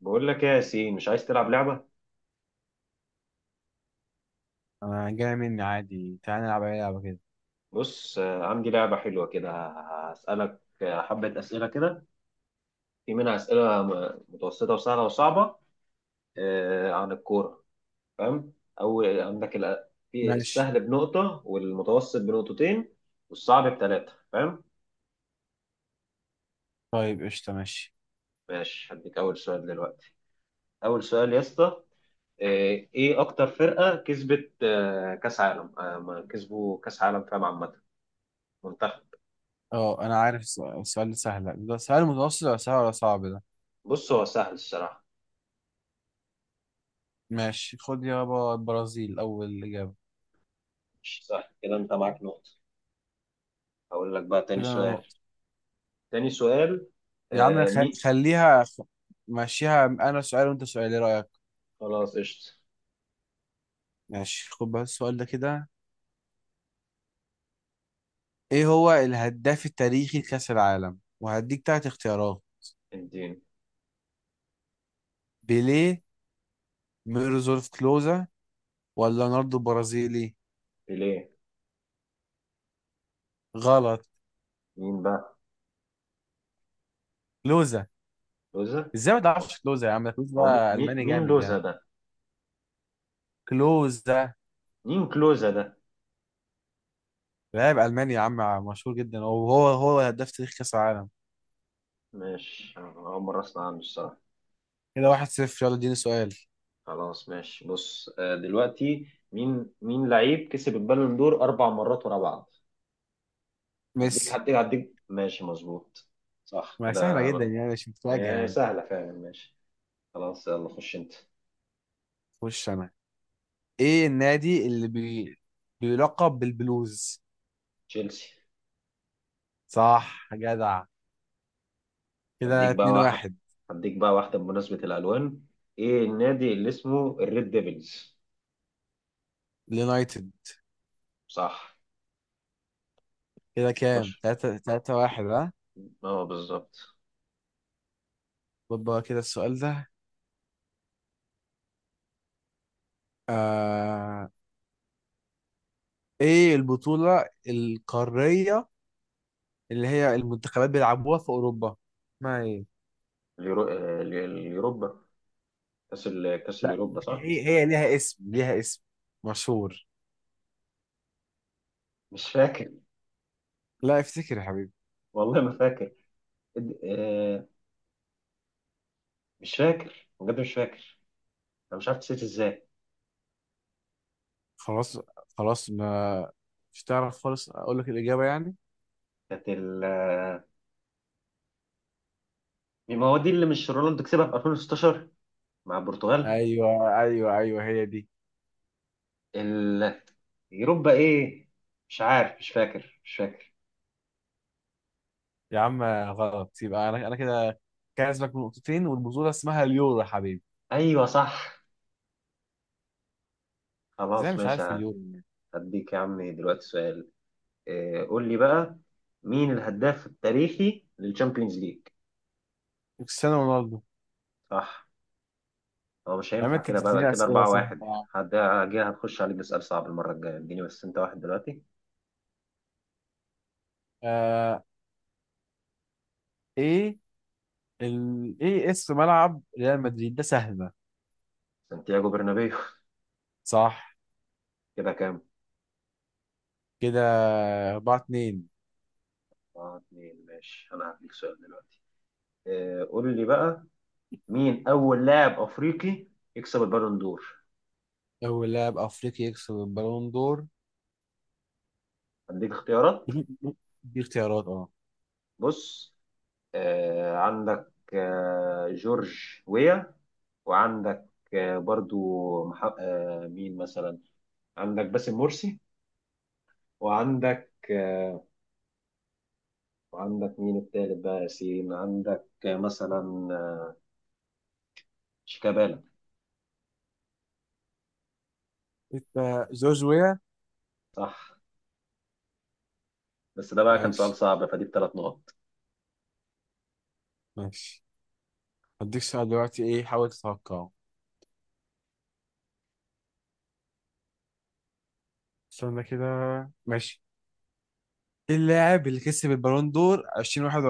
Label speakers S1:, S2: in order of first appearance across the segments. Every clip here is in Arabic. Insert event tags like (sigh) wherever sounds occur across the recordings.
S1: بقول لك ايه يا ياسين؟ مش عايز تلعب لعبة؟
S2: انا جاي مني عادي، تعالى نلعب اي لعبه كده.
S1: بص، عندي لعبة حلوة كده. هسألك حبة أسئلة كده. في منها أسئلة متوسطة وسهلة وصعبة، عن الكورة. فاهم؟ أو عندك الأ- في
S2: ماشي.
S1: السهل بنقطة، والمتوسط بنقطتين، والصعب بثلاثة. فاهم؟
S2: طيب، قشطه، ماشي.
S1: ماشي، هديك أول سؤال دلوقتي. أول سؤال يا اسطى. إيه أكتر فرقة كسبت كأس عالم؟ ما كسبوا كأس عالم فاهم، عامة منتخب.
S2: اه، انا عارف السؤال ده سهل، ده سؤال متوسط ولا سهل ولا صعب ده؟
S1: بص، هو سهل الصراحة.
S2: ماشي، خد يابا. البرازيل اول اجابه.
S1: مش سهل كده، أنت معاك نقطة. هقول لك بقى تاني
S2: كده انا
S1: سؤال.
S2: نقطه.
S1: تاني سؤال.
S2: يا عم
S1: آه، مين؟
S2: خليها خ... ماشيها، انا سؤال وانت سؤال، ايه رايك؟
S1: خلاص قشطة.
S2: ماشي، خد بس السؤال ده كده. ايه هو الهداف التاريخي لكاس العالم؟ وهديك تلات اختيارات:
S1: اديني.
S2: بيليه، ميرزولف كلوزا، ولا رونالدو برازيلي.
S1: ليه؟
S2: غلط.
S1: مين بقى؟
S2: كلوزا.
S1: لوزة.
S2: ازاي ما تعرفش كلوزا يا عم؟ ده
S1: هو
S2: كلوزا، الماني
S1: مين
S2: جامد
S1: لوزة
S2: يعني.
S1: ده؟
S2: كلوزا
S1: مين كلوزة ده؟
S2: لاعب الماني يا عم، مشهور جدا، وهو هداف تاريخ كاس العالم.
S1: ماشي، أنا أول مرة أسمع عنه الصراحة.
S2: كده 1-0، يلا اديني سؤال.
S1: خلاص ماشي. بص دلوقتي، مين لعيب كسب البالون دور أربع مرات ورا بعض؟ هديك
S2: ميسي.
S1: هديك هديك ماشي، مظبوط. صح
S2: ما سهله
S1: كده.
S2: جدا يعني، مش متفاجئ
S1: هي
S2: يعني.
S1: سهلة فعلا، ماشي. خلاص يلا، خش أنت.
S2: خش انا. ايه النادي اللي بيلقب بالبلوز؟
S1: تشيلسي.
S2: صح جدع. كده
S1: هديك بقى
S2: 2
S1: واحد.
S2: 1.
S1: هديك بقى واحدة بمناسبة الألوان. إيه النادي اللي اسمه الريد ديفلز؟
S2: اليونايتد.
S1: صح.
S2: كده كام؟
S1: مش
S2: 3 3 1 ها.
S1: اه، بالظبط.
S2: طب بقى كده السؤال ده. آه... ايه البطولة القارية اللي هي المنتخبات بيلعبوها في اوروبا، اسمها ايه؟
S1: اليوروبا. كأس
S2: لا،
S1: اليوروبا، صح؟
S2: هي ليها اسم، ليها اسم مشهور.
S1: مش فاكر.
S2: لا افتكر يا حبيبي.
S1: والله ما فاكر. إد- آه، مش فاكر بجد، مش فاكر. أنا مش عارف نسيت إزاي.
S2: خلاص. خلاص ما. مش تعرف خالص؟ اقول لك الاجابه يعني.
S1: كانت ال آه، ما هو دي اللي مش رونالدو كسبها في 2016 مع البرتغال.
S2: ايوه، ايوه، ايوه، هي دي.
S1: ال... يوروبا إيه؟ مش عارف، مش فاكر مش فاكر.
S2: يا عم غلط، يبقى انا كده كاسبك بنقطتين، والبطوله اسمها اليورو يا حبيبي.
S1: أيوه صح.
S2: ازاي
S1: خلاص
S2: مش عارف
S1: ماشي.
S2: اليورو يعني؟
S1: هديك يا عم دلوقتي سؤال. قول لي بقى، مين الهداف التاريخي للشامبيونز ليج؟
S2: كريستيانو رونالدو.
S1: صح. هو مش
S2: اما
S1: هينفع
S2: انت
S1: كده بقى.
S2: بتديني
S1: كده
S2: اسئله
S1: 4
S2: سهله يا
S1: 1
S2: عم.
S1: هد- هجي هتخش عليك بسؤال صعب المرة الجاية. اديني بس انت واحد دلوقتي.
S2: آه ايه، ايه اسم ملعب ريال مدريد؟ ده سهله.
S1: سانتياغو برنابيو.
S2: صح.
S1: (laughs) كده كام؟
S2: كده 4 2.
S1: اه، اتنين، ماشي. انا هديك سؤال دلوقتي. قول لي بقى، مين اول لاعب افريقي يكسب البالون دور؟
S2: أول لاعب أفريقي يكسب البالون دور.
S1: هديك اختيارات.
S2: (laughs) دي اختيارات، أه.
S1: بص، عندك جورج ويا، وعندك آه، برضو مح... آه، مين مثلا، عندك باسم مرسي، وعندك وعندك مين التالت بقى يا ياسين؟ عندك مثلا شيكابالا.
S2: أنت جورج ويا.
S1: صح. بس ده بقى كان سؤال
S2: ماشي،
S1: صعب، فدي بثلاث نقط.
S2: ماشي، هديك سؤال دلوقتي، إيه، حاول تتوقعه. استنى كده. ماشي. إيه اللاعب اللي كسب البالون دور 2021؟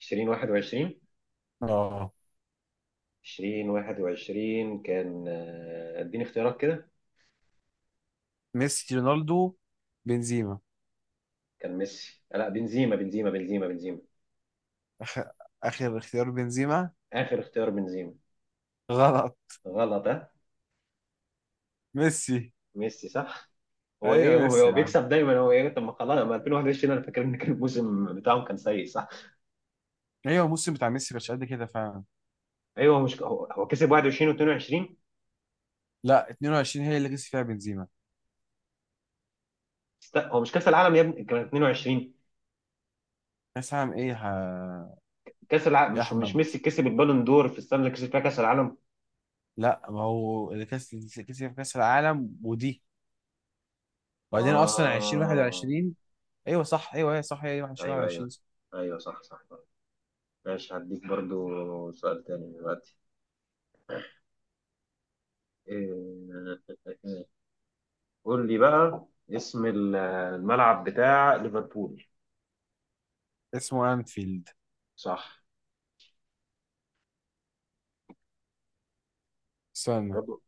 S1: 2021.
S2: أه.
S1: 2021 كان اديني اختيارات كده.
S2: ميسي، رونالدو، بنزيما.
S1: كان ميسي لا، بنزيما بنزيما بنزيما بنزيما.
S2: آخر آخر اختيار بنزيما.
S1: آخر اختيار بنزيما.
S2: غلط.
S1: غلط ها.
S2: ميسي.
S1: ميسي صح. هو ايه؟
S2: أيوه
S1: هو
S2: ميسي
S1: هو
S2: يا عم.
S1: بيكسب دايما. هو ايه؟ طب ما خلاص، ما 2021 انا فاكر ان كان الموسم بتاعهم كان سيء، صح.
S2: أيوه، الموسم بتاع ميسي مش قد كده فعلا.
S1: ايوه، هو مش هو كسب 21 و22.
S2: لا، 22 هي اللي كسب فيها بنزيما.
S1: هو مش كاس العالم يا ابني كان 22؟
S2: كاس عام إيه ها؟
S1: كاس العالم،
S2: يا
S1: مش
S2: احمد.
S1: ميسي كسب البالون دور في السنه اللي كسب فيها كاس العالم.
S2: لا، ما هو اللي كسب كاس العالم ودي. وبعدين اصلا 2021.
S1: اه.
S2: ايوه صح، ايوه هي صح، هي
S1: ايوه ايوه
S2: 21.
S1: ايوه صح صح. ماشي، هديك برضو سؤال تاني دلوقتي. إيه- (laughs) قول لي بقى اسم ال- الملعب بتاع ليفربول.
S2: اسمه انفيلد.
S1: صح.
S2: استنى.
S1: برضو.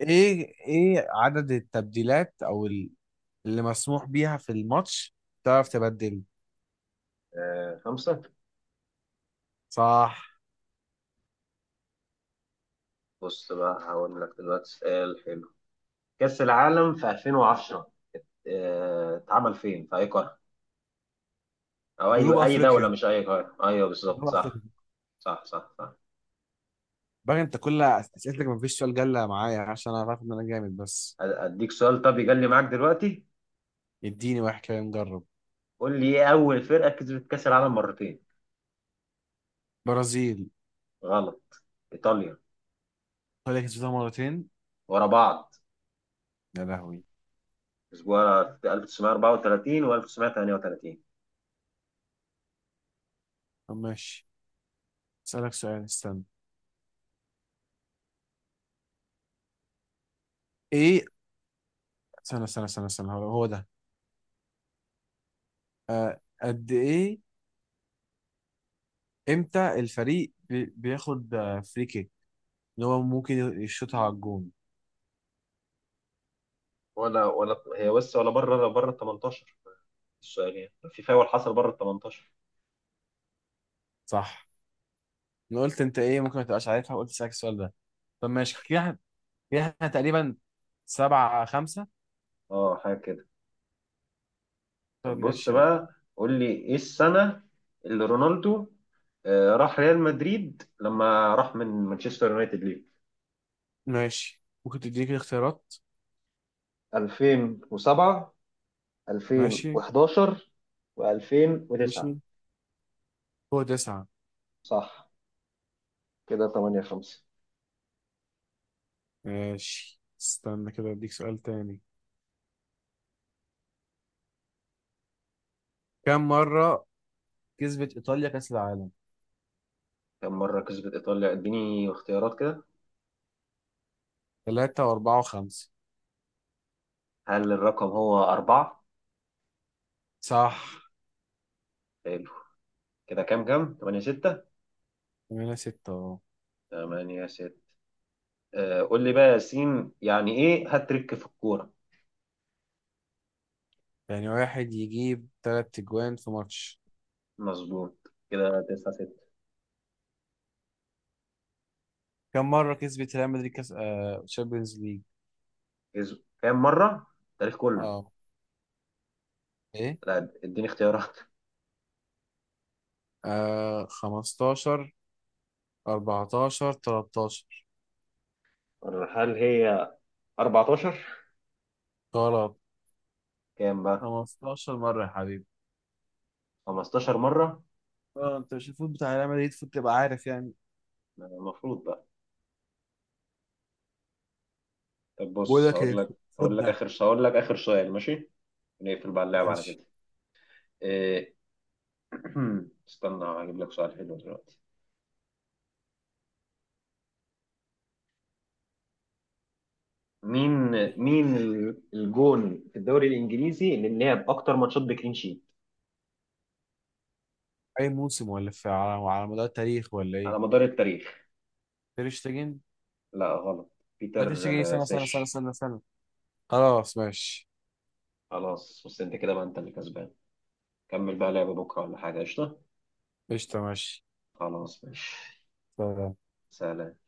S2: ايه عدد التبديلات اللي مسموح بيها في الماتش، تعرف تبدل؟
S1: خمسة.
S2: صح.
S1: بص بقى، هقول لك دلوقتي سؤال حلو. كأس العالم في 2010 اتعمل فين؟ في اي قارة؟ او اي
S2: جنوب
S1: دولة،
S2: افريقيا،
S1: مش اي قارة. ايوه بالظبط،
S2: جنوب افريقيا.
S1: صح. صح صح صح.
S2: بقى انت كل اسئلتك ما فيش سؤال جله معايا، عشان انا عارف ان انا جامد بس.
S1: اديك سؤال طب يجلي معاك دلوقتي.
S2: اديني واحد كده نجرب.
S1: قول لي، ايه اول فرقة كسبت كأس العالم مرتين؟
S2: برازيل.
S1: غلط. ايطاليا.
S2: طلع كسبتها مرتين.
S1: ورا بعض.
S2: يا لهوي.
S1: اسبوع، في 1934 و 1938.
S2: طب ماشي، اسالك سؤال. استنى. ايه. استنى، استنى، استنى، استنى، هو هو ده. آه، قد ايه؟ امتى الفريق بياخد فري كيك اللي هو ممكن يشوطها على الجون؟
S1: ولا هي بس، ولا بره ال 18. السؤال يعني في فاول حصل بره ال 18.
S2: صح. انا قلت انت ايه ممكن ما تبقاش عارفها، وقلت اسالك السؤال ده. طب ماشي كده احنا، كده إحنا تقريبا 7-5.
S1: اه، حاجة كده.
S2: طب
S1: طب بص
S2: ماشي، يلا.
S1: بقى، قول لي ايه السنة اللي رونالدو راح ريال مدريد لما راح من مانشستر يونايتد؟ ليه،
S2: ماشي، ممكن تديني كده اختيارات.
S1: 2007،
S2: ماشي.
S1: 2011، و2009.
S2: ماشي. هو تسعة.
S1: صح. كده 8-5.
S2: ماشي، استنى كده، اديك سؤال تاني. كم مرة كسبت ايطاليا كأس العالم؟
S1: كم مرة كسبت إيطاليا؟ اديني اختيارات كده.
S2: ثلاثة وأربعة وخمسة.
S1: هل الرقم هو أربعة؟
S2: صح.
S1: حلو. كده كام؟ تمانية ستة.
S2: 8-6.
S1: 8-6. قول لي بقى يا ياسين، يعني إيه هاتريك في الكورة؟
S2: يعني واحد يجيب تلات أجوان في ماتش.
S1: مظبوط. كده 9-6.
S2: كم مرة كسبت ريال مدريد كاس تشامبيونز ليج؟
S1: كسب كام مرة؟ التاريخ كله.
S2: اه. ايه.
S1: لا، اديني اختيارات.
S2: 15، 14، 13.
S1: هل هي 14؟
S2: غلط.
S1: كام بقى؟
S2: 15 مرة يا حبيبي.
S1: 15 مرة.
S2: اه انت مش الفوت بتاع ريال مدريد؟ المفروض تبقى عارف يعني.
S1: المفروض بقى. طب
S2: بقول
S1: بص
S2: لك ايه،
S1: هقول لك.
S2: خد ده.
S1: هقول لك اخر سؤال، ماشي. نقفل بقى اللعب على
S2: ماشي.
S1: كده. إيه... (clears throat) استنى هجيب لك سؤال حلو دلوقتي. مين الجون في الدوري الانجليزي اللي لعب اكتر ماتشات بكلين شيت؟
S2: اي موسم ولا في على مدار التاريخ، ولا ايه؟
S1: على مدار التاريخ.
S2: تير شتيجن.
S1: لا غلط.
S2: لا، تير
S1: بيتر.
S2: شتيجن، سنة سنة سنة
S1: سيش.
S2: سنة سنة. خلاص ماشي.
S1: خلاص، بس انت كده بقى انت اللي كسبان. كمل بقى لعب بكره ولا حاجه، قشطه.
S2: قشطة ماشي.
S1: خلاص ماشي. سلام.